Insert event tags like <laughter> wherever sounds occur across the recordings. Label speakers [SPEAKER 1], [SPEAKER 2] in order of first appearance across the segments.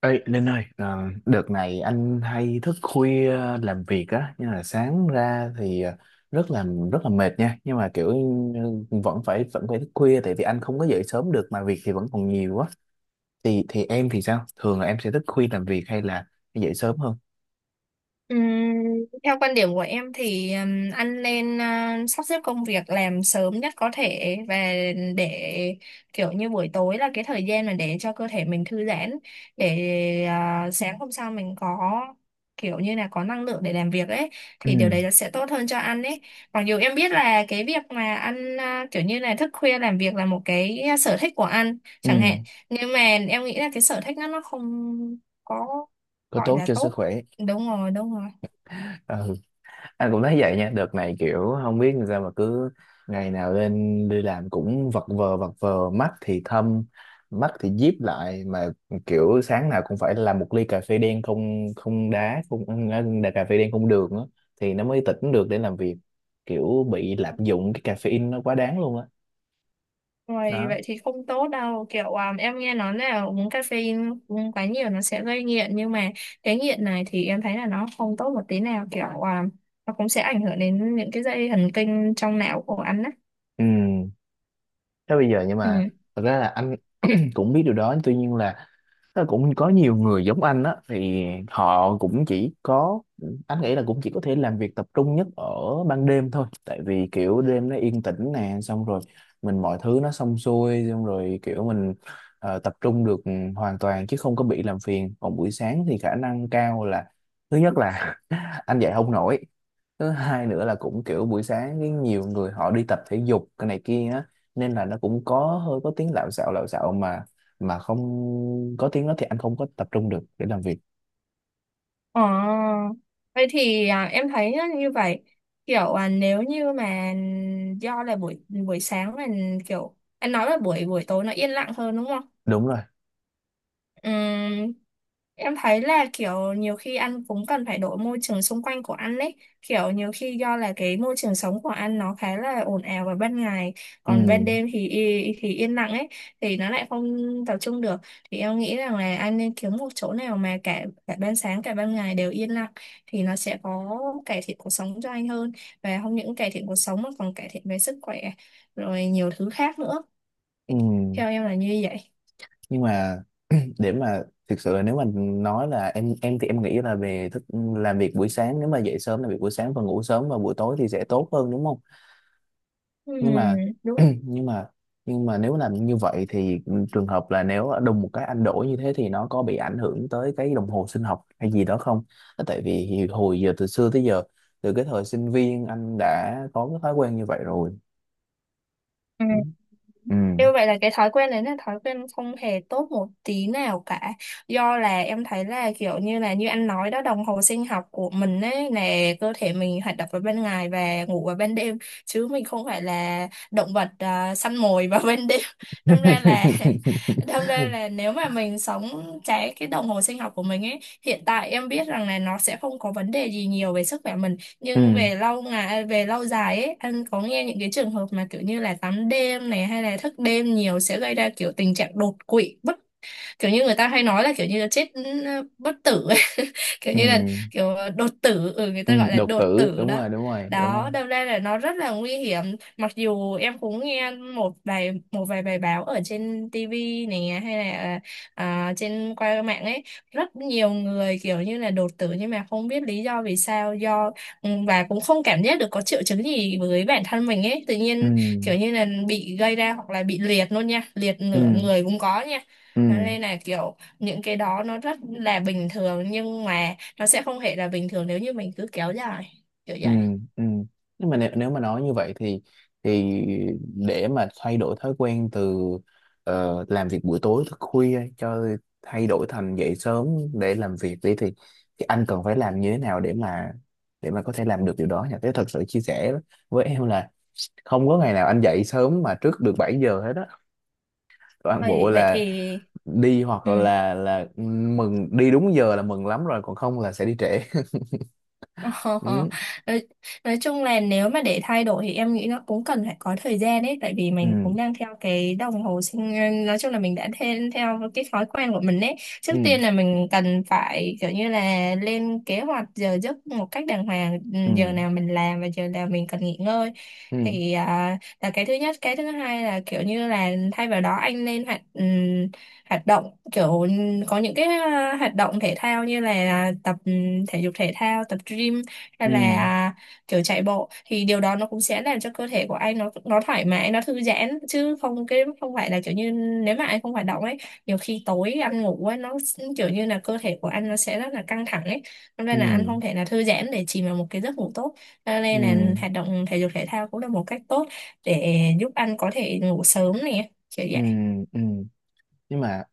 [SPEAKER 1] Ê, Linh ơi, đợt này anh hay thức khuya làm việc á, nhưng là sáng ra thì rất là rất là mệt nha, nhưng mà kiểu vẫn phải thức khuya tại vì anh không có dậy sớm được mà việc thì vẫn còn nhiều quá. Thì em thì sao? Thường là em sẽ thức khuya làm việc hay là dậy sớm hơn?
[SPEAKER 2] Ừm, Theo quan điểm của em thì anh nên sắp xếp công việc làm sớm nhất có thể và để kiểu như buổi tối là cái thời gian mà để cho cơ thể mình thư giãn để sáng hôm sau mình có kiểu như là có năng lượng để làm việc ấy
[SPEAKER 1] Ừ,
[SPEAKER 2] thì điều đấy nó sẽ tốt hơn cho anh ấy, mặc dù em biết là cái việc mà anh kiểu như là thức khuya làm việc là một cái sở thích của anh
[SPEAKER 1] ừ,
[SPEAKER 2] chẳng hạn, nhưng mà em nghĩ là cái sở thích đó nó không có
[SPEAKER 1] có
[SPEAKER 2] gọi
[SPEAKER 1] tốt
[SPEAKER 2] là
[SPEAKER 1] cho sức
[SPEAKER 2] tốt.
[SPEAKER 1] khỏe.
[SPEAKER 2] Đúng rồi, đúng rồi.
[SPEAKER 1] Ừ, anh cũng thấy vậy nha, đợt này kiểu không biết làm sao mà cứ ngày nào lên đi làm cũng vật vờ vật vờ, mắt thì thâm, mắt thì díp lại mà kiểu sáng nào cũng phải làm một ly cà phê đen không không đá không đá cà phê đen không đường á thì nó mới tỉnh được để làm việc, kiểu bị lạm dụng cái caffeine nó quá đáng luôn á.
[SPEAKER 2] Rồi
[SPEAKER 1] Đó.
[SPEAKER 2] vậy thì không tốt đâu, kiểu em nghe nói là uống caffeine uống quá nhiều nó sẽ gây nghiện, nhưng mà cái nghiện này thì em thấy là nó không tốt một tí nào, kiểu nó cũng sẽ ảnh hưởng đến những cái dây thần kinh trong não của anh á.
[SPEAKER 1] Ừ. Thế bây giờ, nhưng
[SPEAKER 2] Ừ.
[SPEAKER 1] mà thật ra là anh <clears throat> cũng biết điều đó, tuy nhiên là nó cũng có nhiều người giống anh á thì họ cũng chỉ có, anh nghĩ là cũng chỉ có thể làm việc tập trung nhất ở ban đêm thôi, tại vì kiểu đêm nó yên tĩnh nè, xong rồi mình mọi thứ nó xong xuôi xong rồi kiểu mình tập trung được hoàn toàn chứ không có bị làm phiền. Còn buổi sáng thì khả năng cao là thứ nhất là <laughs> anh dậy không nổi, thứ hai nữa là cũng kiểu buổi sáng cái nhiều người họ đi tập thể dục cái này kia á, nên là nó cũng có hơi có tiếng lạo xạo lạo xạo, mà không có tiếng đó thì anh không có tập trung được để làm việc.
[SPEAKER 2] Ờ, vậy thì em thấy á, như vậy kiểu nếu như mà do là buổi buổi sáng là, kiểu anh nói là buổi buổi tối nó yên lặng hơn, đúng không?
[SPEAKER 1] Đúng rồi.
[SPEAKER 2] Ừm, Em thấy là kiểu nhiều khi anh cũng cần phải đổi môi trường xung quanh của anh ấy. Kiểu nhiều khi do là cái môi trường sống của anh nó khá là ồn ào vào ban ngày,
[SPEAKER 1] Ừ.
[SPEAKER 2] còn ban đêm thì thì yên lặng ấy, thì nó lại không tập trung được. Thì em nghĩ rằng là anh nên kiếm một chỗ nào mà cả cả ban sáng cả ban ngày đều yên lặng thì nó sẽ có cải thiện cuộc sống cho anh hơn, và không những cải thiện cuộc sống mà còn cải thiện về sức khỏe rồi nhiều thứ khác nữa.
[SPEAKER 1] Ừ.
[SPEAKER 2] Theo em là như vậy.
[SPEAKER 1] Nhưng mà để mà thực sự là, nếu mà nói là em thì em nghĩ là về thức làm việc buổi sáng, nếu mà dậy sớm làm việc buổi sáng và ngủ sớm vào buổi tối thì sẽ tốt hơn đúng không,
[SPEAKER 2] Ừ,
[SPEAKER 1] nhưng mà
[SPEAKER 2] đúng.
[SPEAKER 1] <clears throat> nhưng mà nhưng mà nếu làm như vậy thì trường hợp là nếu đùng một cái anh đổi như thế thì nó có bị ảnh hưởng tới cái đồng hồ sinh học hay gì đó không? Tại vì thì hồi giờ từ xưa tới giờ, từ cái thời sinh viên anh đã có cái thói quen như vậy rồi. Ừ. Ừ.
[SPEAKER 2] Như vậy là cái thói quen đấy là thói quen không hề tốt một tí nào cả. Do là em thấy là kiểu như là, như anh nói đó, đồng hồ sinh học của mình ấy là cơ thể mình hoạt động vào ban ngày và ngủ vào ban đêm, chứ mình không phải là động vật săn mồi vào ban đêm. <laughs> Đâm ra là <laughs> đâm ra
[SPEAKER 1] <laughs>
[SPEAKER 2] là nếu mà mình sống trái cái đồng hồ sinh học của mình ấy, hiện tại em biết rằng là nó sẽ không có vấn đề gì nhiều về sức khỏe mình,
[SPEAKER 1] Ừ.
[SPEAKER 2] nhưng về lâu ngày à, về lâu dài ấy, anh có nghe những cái trường hợp mà kiểu như là tắm đêm này hay là thức đêm nhiều sẽ gây ra kiểu tình trạng đột quỵ, kiểu như người ta hay nói là kiểu như là chết bất tử ấy. <laughs> Kiểu
[SPEAKER 1] Ừ.
[SPEAKER 2] như là kiểu đột tử, người
[SPEAKER 1] Ừ.
[SPEAKER 2] ta gọi là
[SPEAKER 1] Đột
[SPEAKER 2] đột
[SPEAKER 1] tử,
[SPEAKER 2] tử
[SPEAKER 1] đúng
[SPEAKER 2] đó.
[SPEAKER 1] rồi, đúng rồi, đúng rồi.
[SPEAKER 2] Đó, đâm ra là nó rất là nguy hiểm, mặc dù em cũng nghe một vài bài báo ở trên TV này, hay là trên qua mạng ấy, rất nhiều người kiểu như là đột tử nhưng mà không biết lý do vì sao, và cũng không cảm giác được có triệu chứng gì với bản thân mình ấy, tự
[SPEAKER 1] Ừ.
[SPEAKER 2] nhiên kiểu như là bị gây ra, hoặc là bị liệt luôn nha, liệt nửa
[SPEAKER 1] Ừ.
[SPEAKER 2] người cũng có nha.
[SPEAKER 1] Ừ.
[SPEAKER 2] Thế nên là kiểu những cái đó nó rất là bình thường, nhưng mà nó sẽ không hề là bình thường nếu như mình cứ kéo dài kiểu
[SPEAKER 1] Ừ,
[SPEAKER 2] vậy.
[SPEAKER 1] ừ. Nhưng mà nếu, nếu mà nói như vậy thì để mà thay đổi thói quen từ làm việc buổi tối thức khuya cho thay đổi thành dậy sớm để làm việc đi thì anh cần phải làm như thế nào để mà có thể làm được điều đó nhỉ? Thế thật sự chia sẻ với em là không có ngày nào anh dậy sớm mà trước được 7 giờ hết á. Toàn
[SPEAKER 2] Vậy
[SPEAKER 1] bộ
[SPEAKER 2] vậy
[SPEAKER 1] là
[SPEAKER 2] thì
[SPEAKER 1] đi, hoặc
[SPEAKER 2] ừ.
[SPEAKER 1] là mừng đi đúng giờ là mừng lắm rồi, còn không là sẽ đi trễ. <laughs>
[SPEAKER 2] Ờ,
[SPEAKER 1] Ừ.
[SPEAKER 2] nói, nói chung là nếu mà để thay đổi thì em nghĩ nó cũng cần phải có thời gian ấy, tại vì mình
[SPEAKER 1] Ừ.
[SPEAKER 2] cũng đang theo cái đồng hồ nói chung là mình đã theo cái thói quen của mình ấy. Trước
[SPEAKER 1] Ừ.
[SPEAKER 2] tiên là mình cần phải kiểu như là lên kế hoạch giờ giấc một cách đàng hoàng,
[SPEAKER 1] Ừ.
[SPEAKER 2] giờ nào mình làm và giờ nào mình cần nghỉ ngơi,
[SPEAKER 1] Ừ.
[SPEAKER 2] thì là cái thứ nhất. Cái thứ hai là kiểu như là thay vào đó anh nên hoạt động kiểu, có những cái hoạt động thể thao như là tập thể dục thể thao, tập gym,
[SPEAKER 1] Ừ.
[SPEAKER 2] hay là kiểu chạy bộ, thì điều đó nó cũng sẽ làm cho cơ thể của anh nó thoải mái, nó thư giãn, chứ không, cái không phải là kiểu như nếu mà anh không hoạt động ấy, nhiều khi tối ăn ngủ ấy nó kiểu như là cơ thể của anh nó sẽ rất là căng thẳng ấy. Cho
[SPEAKER 1] Ừ.
[SPEAKER 2] nên là anh không thể là thư giãn để chìm vào một cái giấc ngủ tốt. Cho
[SPEAKER 1] Ừ.
[SPEAKER 2] nên là hoạt động thể dục thể thao cũng là một cách tốt để giúp anh có thể ngủ sớm này, kiểu
[SPEAKER 1] Ừ.
[SPEAKER 2] vậy.
[SPEAKER 1] Ừ. Nhưng mà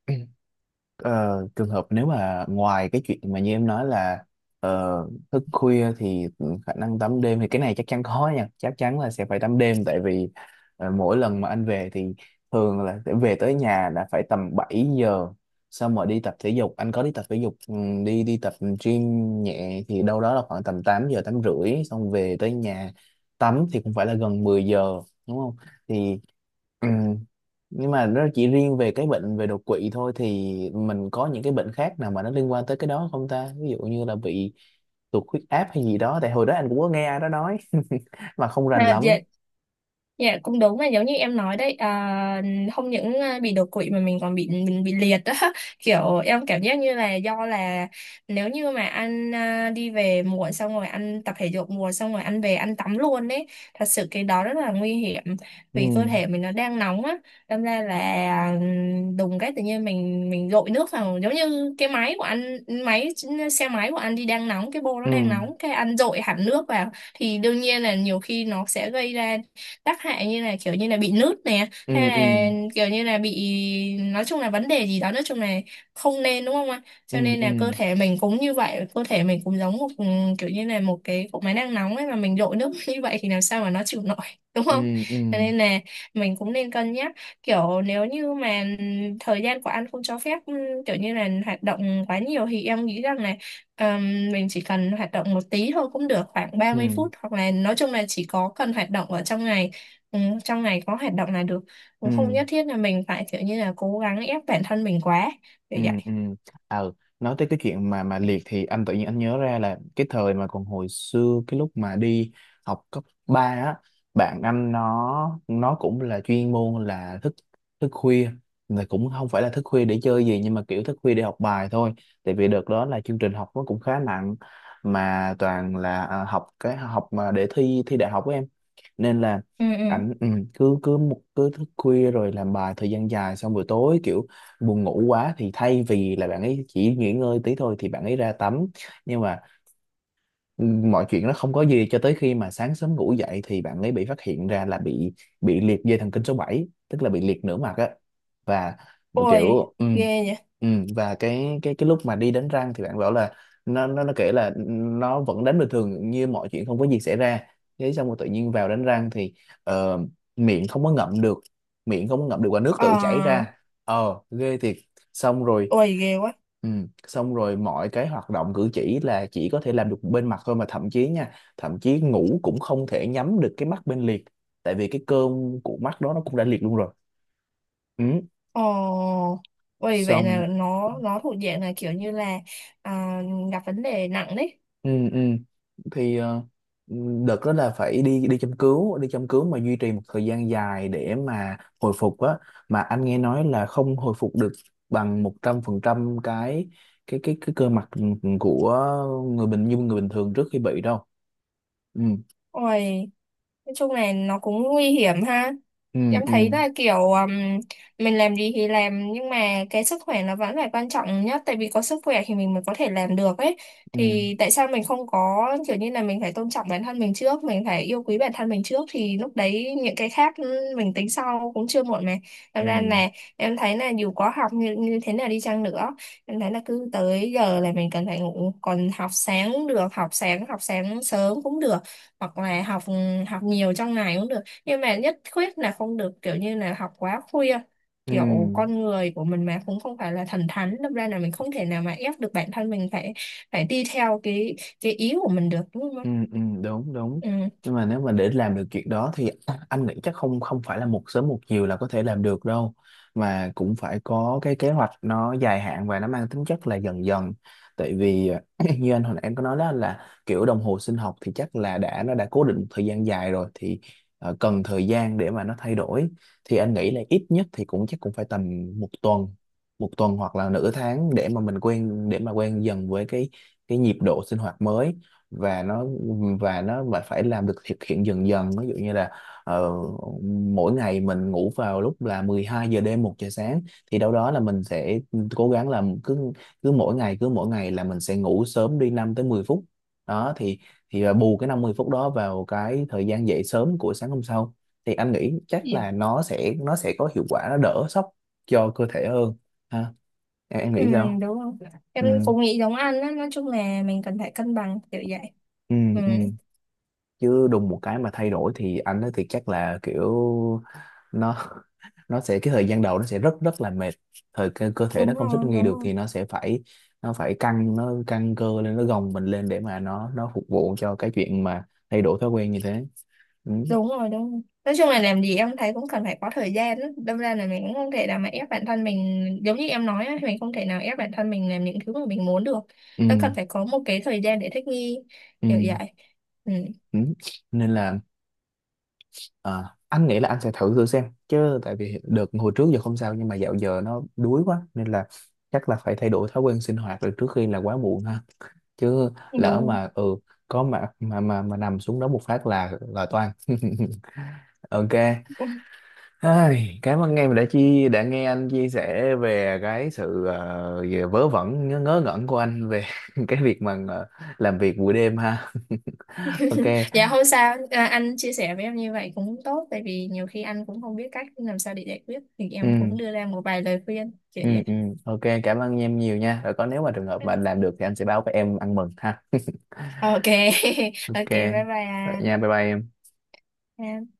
[SPEAKER 1] ờ, trường hợp nếu mà ngoài cái chuyện mà như em nói là ờ, thức khuya thì khả năng tắm đêm thì cái này chắc chắn có nha, chắc chắn là sẽ phải tắm đêm. Tại vì mỗi lần mà anh về thì thường là sẽ về tới nhà đã phải tầm 7 giờ, xong rồi đi tập thể dục, anh có đi tập thể dục, đi đi tập gym nhẹ thì đâu đó là khoảng tầm 8 giờ 8 rưỡi, xong về tới nhà tắm thì cũng phải là gần 10 giờ đúng không, thì Ừ. Nhưng mà nó chỉ riêng về cái bệnh về đột quỵ thôi thì mình có những cái bệnh khác nào mà nó liên quan tới cái đó không ta, ví dụ như là bị tụt huyết áp hay gì đó, tại hồi đó anh cũng có nghe ai đó nói <laughs> mà không rành lắm.
[SPEAKER 2] Dạ, dạ cũng đúng là giống như em nói đấy, không những bị đột quỵ mà mình còn bị, mình bị liệt đó. <laughs> Kiểu em cảm giác như là do là nếu như mà anh đi về muộn xong rồi anh tập thể dục muộn xong rồi anh về anh tắm luôn đấy, thật sự cái đó rất là nguy hiểm,
[SPEAKER 1] Ừ.
[SPEAKER 2] vì cơ thể mình nó đang nóng á. Đâm ra là à, đùng cái tự nhiên mình dội nước vào, giống như cái máy của anh, máy xe máy của anh đi, đang nóng, cái bô nó
[SPEAKER 1] Ừ.
[SPEAKER 2] đang nóng, cái anh dội hẳn nước vào thì đương nhiên là nhiều khi nó sẽ gây ra tác hại, như là kiểu như là bị nứt nè, hay
[SPEAKER 1] Ừ.
[SPEAKER 2] là
[SPEAKER 1] Ừ.
[SPEAKER 2] kiểu như là bị, nói chung là vấn đề gì đó, nói chung là không nên, đúng không ạ.
[SPEAKER 1] Ừ.
[SPEAKER 2] Cho nên
[SPEAKER 1] Ừ.
[SPEAKER 2] là cơ thể mình cũng như vậy, cơ thể mình cũng giống một kiểu như là một cái cục máy đang nóng ấy, mà mình đổ nước <laughs> như vậy thì làm sao mà nó chịu nổi, <laughs> đúng không.
[SPEAKER 1] Ừ. Ừ.
[SPEAKER 2] Cho nên là mình cũng nên cân nhắc, kiểu nếu như mà thời gian của anh không cho phép kiểu như là hoạt động quá nhiều, thì em nghĩ rằng là mình chỉ cần hoạt động một tí thôi cũng được, khoảng ba
[SPEAKER 1] Ừ.
[SPEAKER 2] mươi phút hoặc là nói chung là chỉ có cần hoạt động ở trong ngày. Ừ, trong ngày có hoạt động là được,
[SPEAKER 1] Ừ.
[SPEAKER 2] cũng không nhất thiết là mình phải kiểu như là cố gắng ép bản thân mình quá, kiểu
[SPEAKER 1] Ừ.
[SPEAKER 2] vậy.
[SPEAKER 1] Ừ. Ờ. Nói tới cái chuyện mà liệt thì anh tự nhiên anh nhớ ra là cái thời mà còn hồi xưa cái lúc mà đi học cấp 3 á, bạn anh nó cũng là chuyên môn là thức thức khuya, mà cũng không phải là thức khuya để chơi gì, nhưng mà kiểu thức khuya để học bài thôi. Tại vì đợt đó là chương trình học nó cũng khá nặng mà toàn là học, cái học mà để thi thi đại học của em, nên là
[SPEAKER 2] Ừ, ừ.
[SPEAKER 1] ảnh cứ cứ một cứ thức khuya rồi làm bài thời gian dài, xong buổi tối kiểu buồn ngủ quá thì thay vì là bạn ấy chỉ nghỉ ngơi tí thôi thì bạn ấy ra tắm. Nhưng mà mọi chuyện nó không có gì cho tới khi mà sáng sớm ngủ dậy thì bạn ấy bị phát hiện ra là bị liệt dây thần kinh số 7, tức là bị liệt nửa mặt á. Và một
[SPEAKER 2] Ôi,
[SPEAKER 1] kiểu
[SPEAKER 2] ghê nhỉ.
[SPEAKER 1] ừ, và cái lúc mà đi đánh răng thì bạn bảo là nó kể là nó vẫn đánh bình thường như mọi chuyện không có gì xảy ra, thế xong rồi tự nhiên vào đánh răng thì ờ, miệng không có ngậm được, miệng không có ngậm được và nước tự chảy
[SPEAKER 2] Ờ.
[SPEAKER 1] ra. Ờ, ghê thiệt. Xong rồi.
[SPEAKER 2] Ôi, ghê quá.
[SPEAKER 1] Ừ. Xong rồi mọi cái hoạt động cử chỉ là chỉ có thể làm được bên mặt thôi, mà thậm chí nha, thậm chí ngủ cũng không thể nhắm được cái mắt bên liệt, tại vì cái cơm của mắt đó nó cũng đã liệt luôn rồi. Ừ.
[SPEAKER 2] Ồ. Ôi, vậy
[SPEAKER 1] Xong
[SPEAKER 2] là nó thuộc diện là kiểu như là à, gặp vấn đề nặng đấy.
[SPEAKER 1] ừ, ừ. Thì ừ, đợt đó là phải đi đi châm cứu, mà duy trì một thời gian dài để mà hồi phục á, mà anh nghe nói là không hồi phục được bằng 100% cái cơ mặt, của người bình như người bình thường trước khi bị đâu. Ừ.
[SPEAKER 2] Ôi. Nói chung này nó cũng nguy hiểm ha.
[SPEAKER 1] Ừ.
[SPEAKER 2] Em
[SPEAKER 1] Ừ.
[SPEAKER 2] thấy là kiểu mình làm gì thì làm, nhưng mà cái sức khỏe nó vẫn là quan trọng nhất, tại vì có sức khỏe thì mình mới có thể làm được ấy.
[SPEAKER 1] Ừ.
[SPEAKER 2] Thì tại sao mình không có kiểu như là mình phải tôn trọng bản thân mình trước, mình phải yêu quý bản thân mình trước, thì lúc đấy những cái khác mình tính sau cũng chưa muộn mà. Thật
[SPEAKER 1] Ừ.
[SPEAKER 2] ra là em thấy là dù có học như thế nào đi chăng nữa, em thấy là cứ tới giờ là mình cần phải ngủ, còn học sáng được, học sáng sớm cũng được, hoặc là học học nhiều trong ngày cũng được, nhưng mà nhất quyết là không được kiểu như là học quá khuya,
[SPEAKER 1] Ừ.
[SPEAKER 2] kiểu con người của mình mà cũng không phải là thần thánh, đâm ra là mình không thể nào mà ép được bản thân mình phải phải đi theo cái ý của mình được, đúng
[SPEAKER 1] Ừ,
[SPEAKER 2] không.
[SPEAKER 1] ừ, đúng đúng.
[SPEAKER 2] Ừ.
[SPEAKER 1] Nhưng mà nếu mà để làm được chuyện đó thì <clears throat> anh nghĩ chắc không không phải là một sớm một chiều là có thể làm được đâu, mà cũng phải có cái kế hoạch nó dài hạn và nó mang tính chất là dần dần. Tại vì <clears throat> như anh hồi nãy em có nói đó, là kiểu đồng hồ sinh học thì chắc là đã nó đã cố định một thời gian dài rồi, thì cần thời gian để mà nó thay đổi, thì anh nghĩ là ít nhất thì cũng chắc cũng phải tầm một tuần một tuần hoặc là nửa tháng để mà mình quen, để mà quen dần với cái nhịp độ sinh hoạt mới, và và nó mà phải làm được thực hiện dần dần, ví dụ như là ờ, mỗi ngày mình ngủ vào lúc là 12 giờ đêm 1 giờ sáng, thì đâu đó là mình sẽ cố gắng làm cứ cứ mỗi ngày là mình sẽ ngủ sớm đi 5 tới 10 phút đó, thì là bù cái 50 phút đó vào cái thời gian dậy sớm của sáng hôm sau, thì anh nghĩ chắc
[SPEAKER 2] Dạ.
[SPEAKER 1] là nó sẽ có hiệu quả, nó đỡ sốc cho cơ thể hơn ha. Em
[SPEAKER 2] Ừ,
[SPEAKER 1] nghĩ sao?
[SPEAKER 2] đúng không? Em
[SPEAKER 1] Ừ.
[SPEAKER 2] cũng nghĩ giống anh á, nói chung là mình cần phải cân bằng, kiểu vậy.
[SPEAKER 1] Ừ.
[SPEAKER 2] Ừ.
[SPEAKER 1] Ừ. Chứ đùng một cái mà thay đổi thì anh ấy thì chắc là kiểu nó <laughs> nó sẽ, cái thời gian đầu nó sẽ rất rất là mệt, cơ thể nó
[SPEAKER 2] Đúng
[SPEAKER 1] không thích
[SPEAKER 2] rồi,
[SPEAKER 1] nghi
[SPEAKER 2] đúng
[SPEAKER 1] được
[SPEAKER 2] rồi.
[SPEAKER 1] thì nó sẽ phải, nó phải căng, nó căng cơ lên, nó gồng mình lên để mà nó phục vụ cho cái chuyện mà thay đổi thói quen như thế. Ừ.
[SPEAKER 2] Đúng rồi, đúng rồi. Nói chung là làm gì em thấy cũng cần phải có thời gian á, đâm ra là mình cũng không thể nào mà ép bản thân mình, giống như em nói á, mình không thể nào ép bản thân mình làm những thứ mà mình muốn được,
[SPEAKER 1] Ừ.
[SPEAKER 2] nó cần phải có một cái thời gian để thích nghi,
[SPEAKER 1] Ừ.
[SPEAKER 2] kiểu vậy. Ừ.
[SPEAKER 1] Ừ. Nên là anh nghĩ là anh sẽ thử thử xem chứ, tại vì đợt hồi trước giờ không sao nhưng mà dạo giờ nó đuối quá nên là chắc là phải thay đổi thói quen sinh hoạt rồi trước khi là quá muộn ha, chứ lỡ
[SPEAKER 2] Đúng.
[SPEAKER 1] mà ừ có mà nằm xuống đó một phát là toang. <laughs> Ok.
[SPEAKER 2] <laughs>
[SPEAKER 1] Ai, cảm ơn em đã đã nghe anh chia sẻ về cái sự về vớ vẩn, ngớ ngẩn của anh về <laughs> cái việc mà làm việc buổi đêm ha. <laughs> Ok.
[SPEAKER 2] Dạ không sao, anh chia sẻ với em như vậy cũng tốt, tại vì nhiều khi anh cũng không biết cách làm sao để giải quyết thì em
[SPEAKER 1] Ừ.
[SPEAKER 2] cũng đưa ra một vài lời khuyên, kiểu
[SPEAKER 1] Ừ.
[SPEAKER 2] vậy.
[SPEAKER 1] Ừ. Ok, cảm ơn em nhiều nha, rồi có, nếu mà trường hợp mà anh làm được thì anh sẽ báo với em ăn mừng ha. <laughs>
[SPEAKER 2] OK. <laughs>
[SPEAKER 1] Ok,
[SPEAKER 2] OK, bye
[SPEAKER 1] vậy nha,
[SPEAKER 2] bye
[SPEAKER 1] bye bye em.
[SPEAKER 2] anh.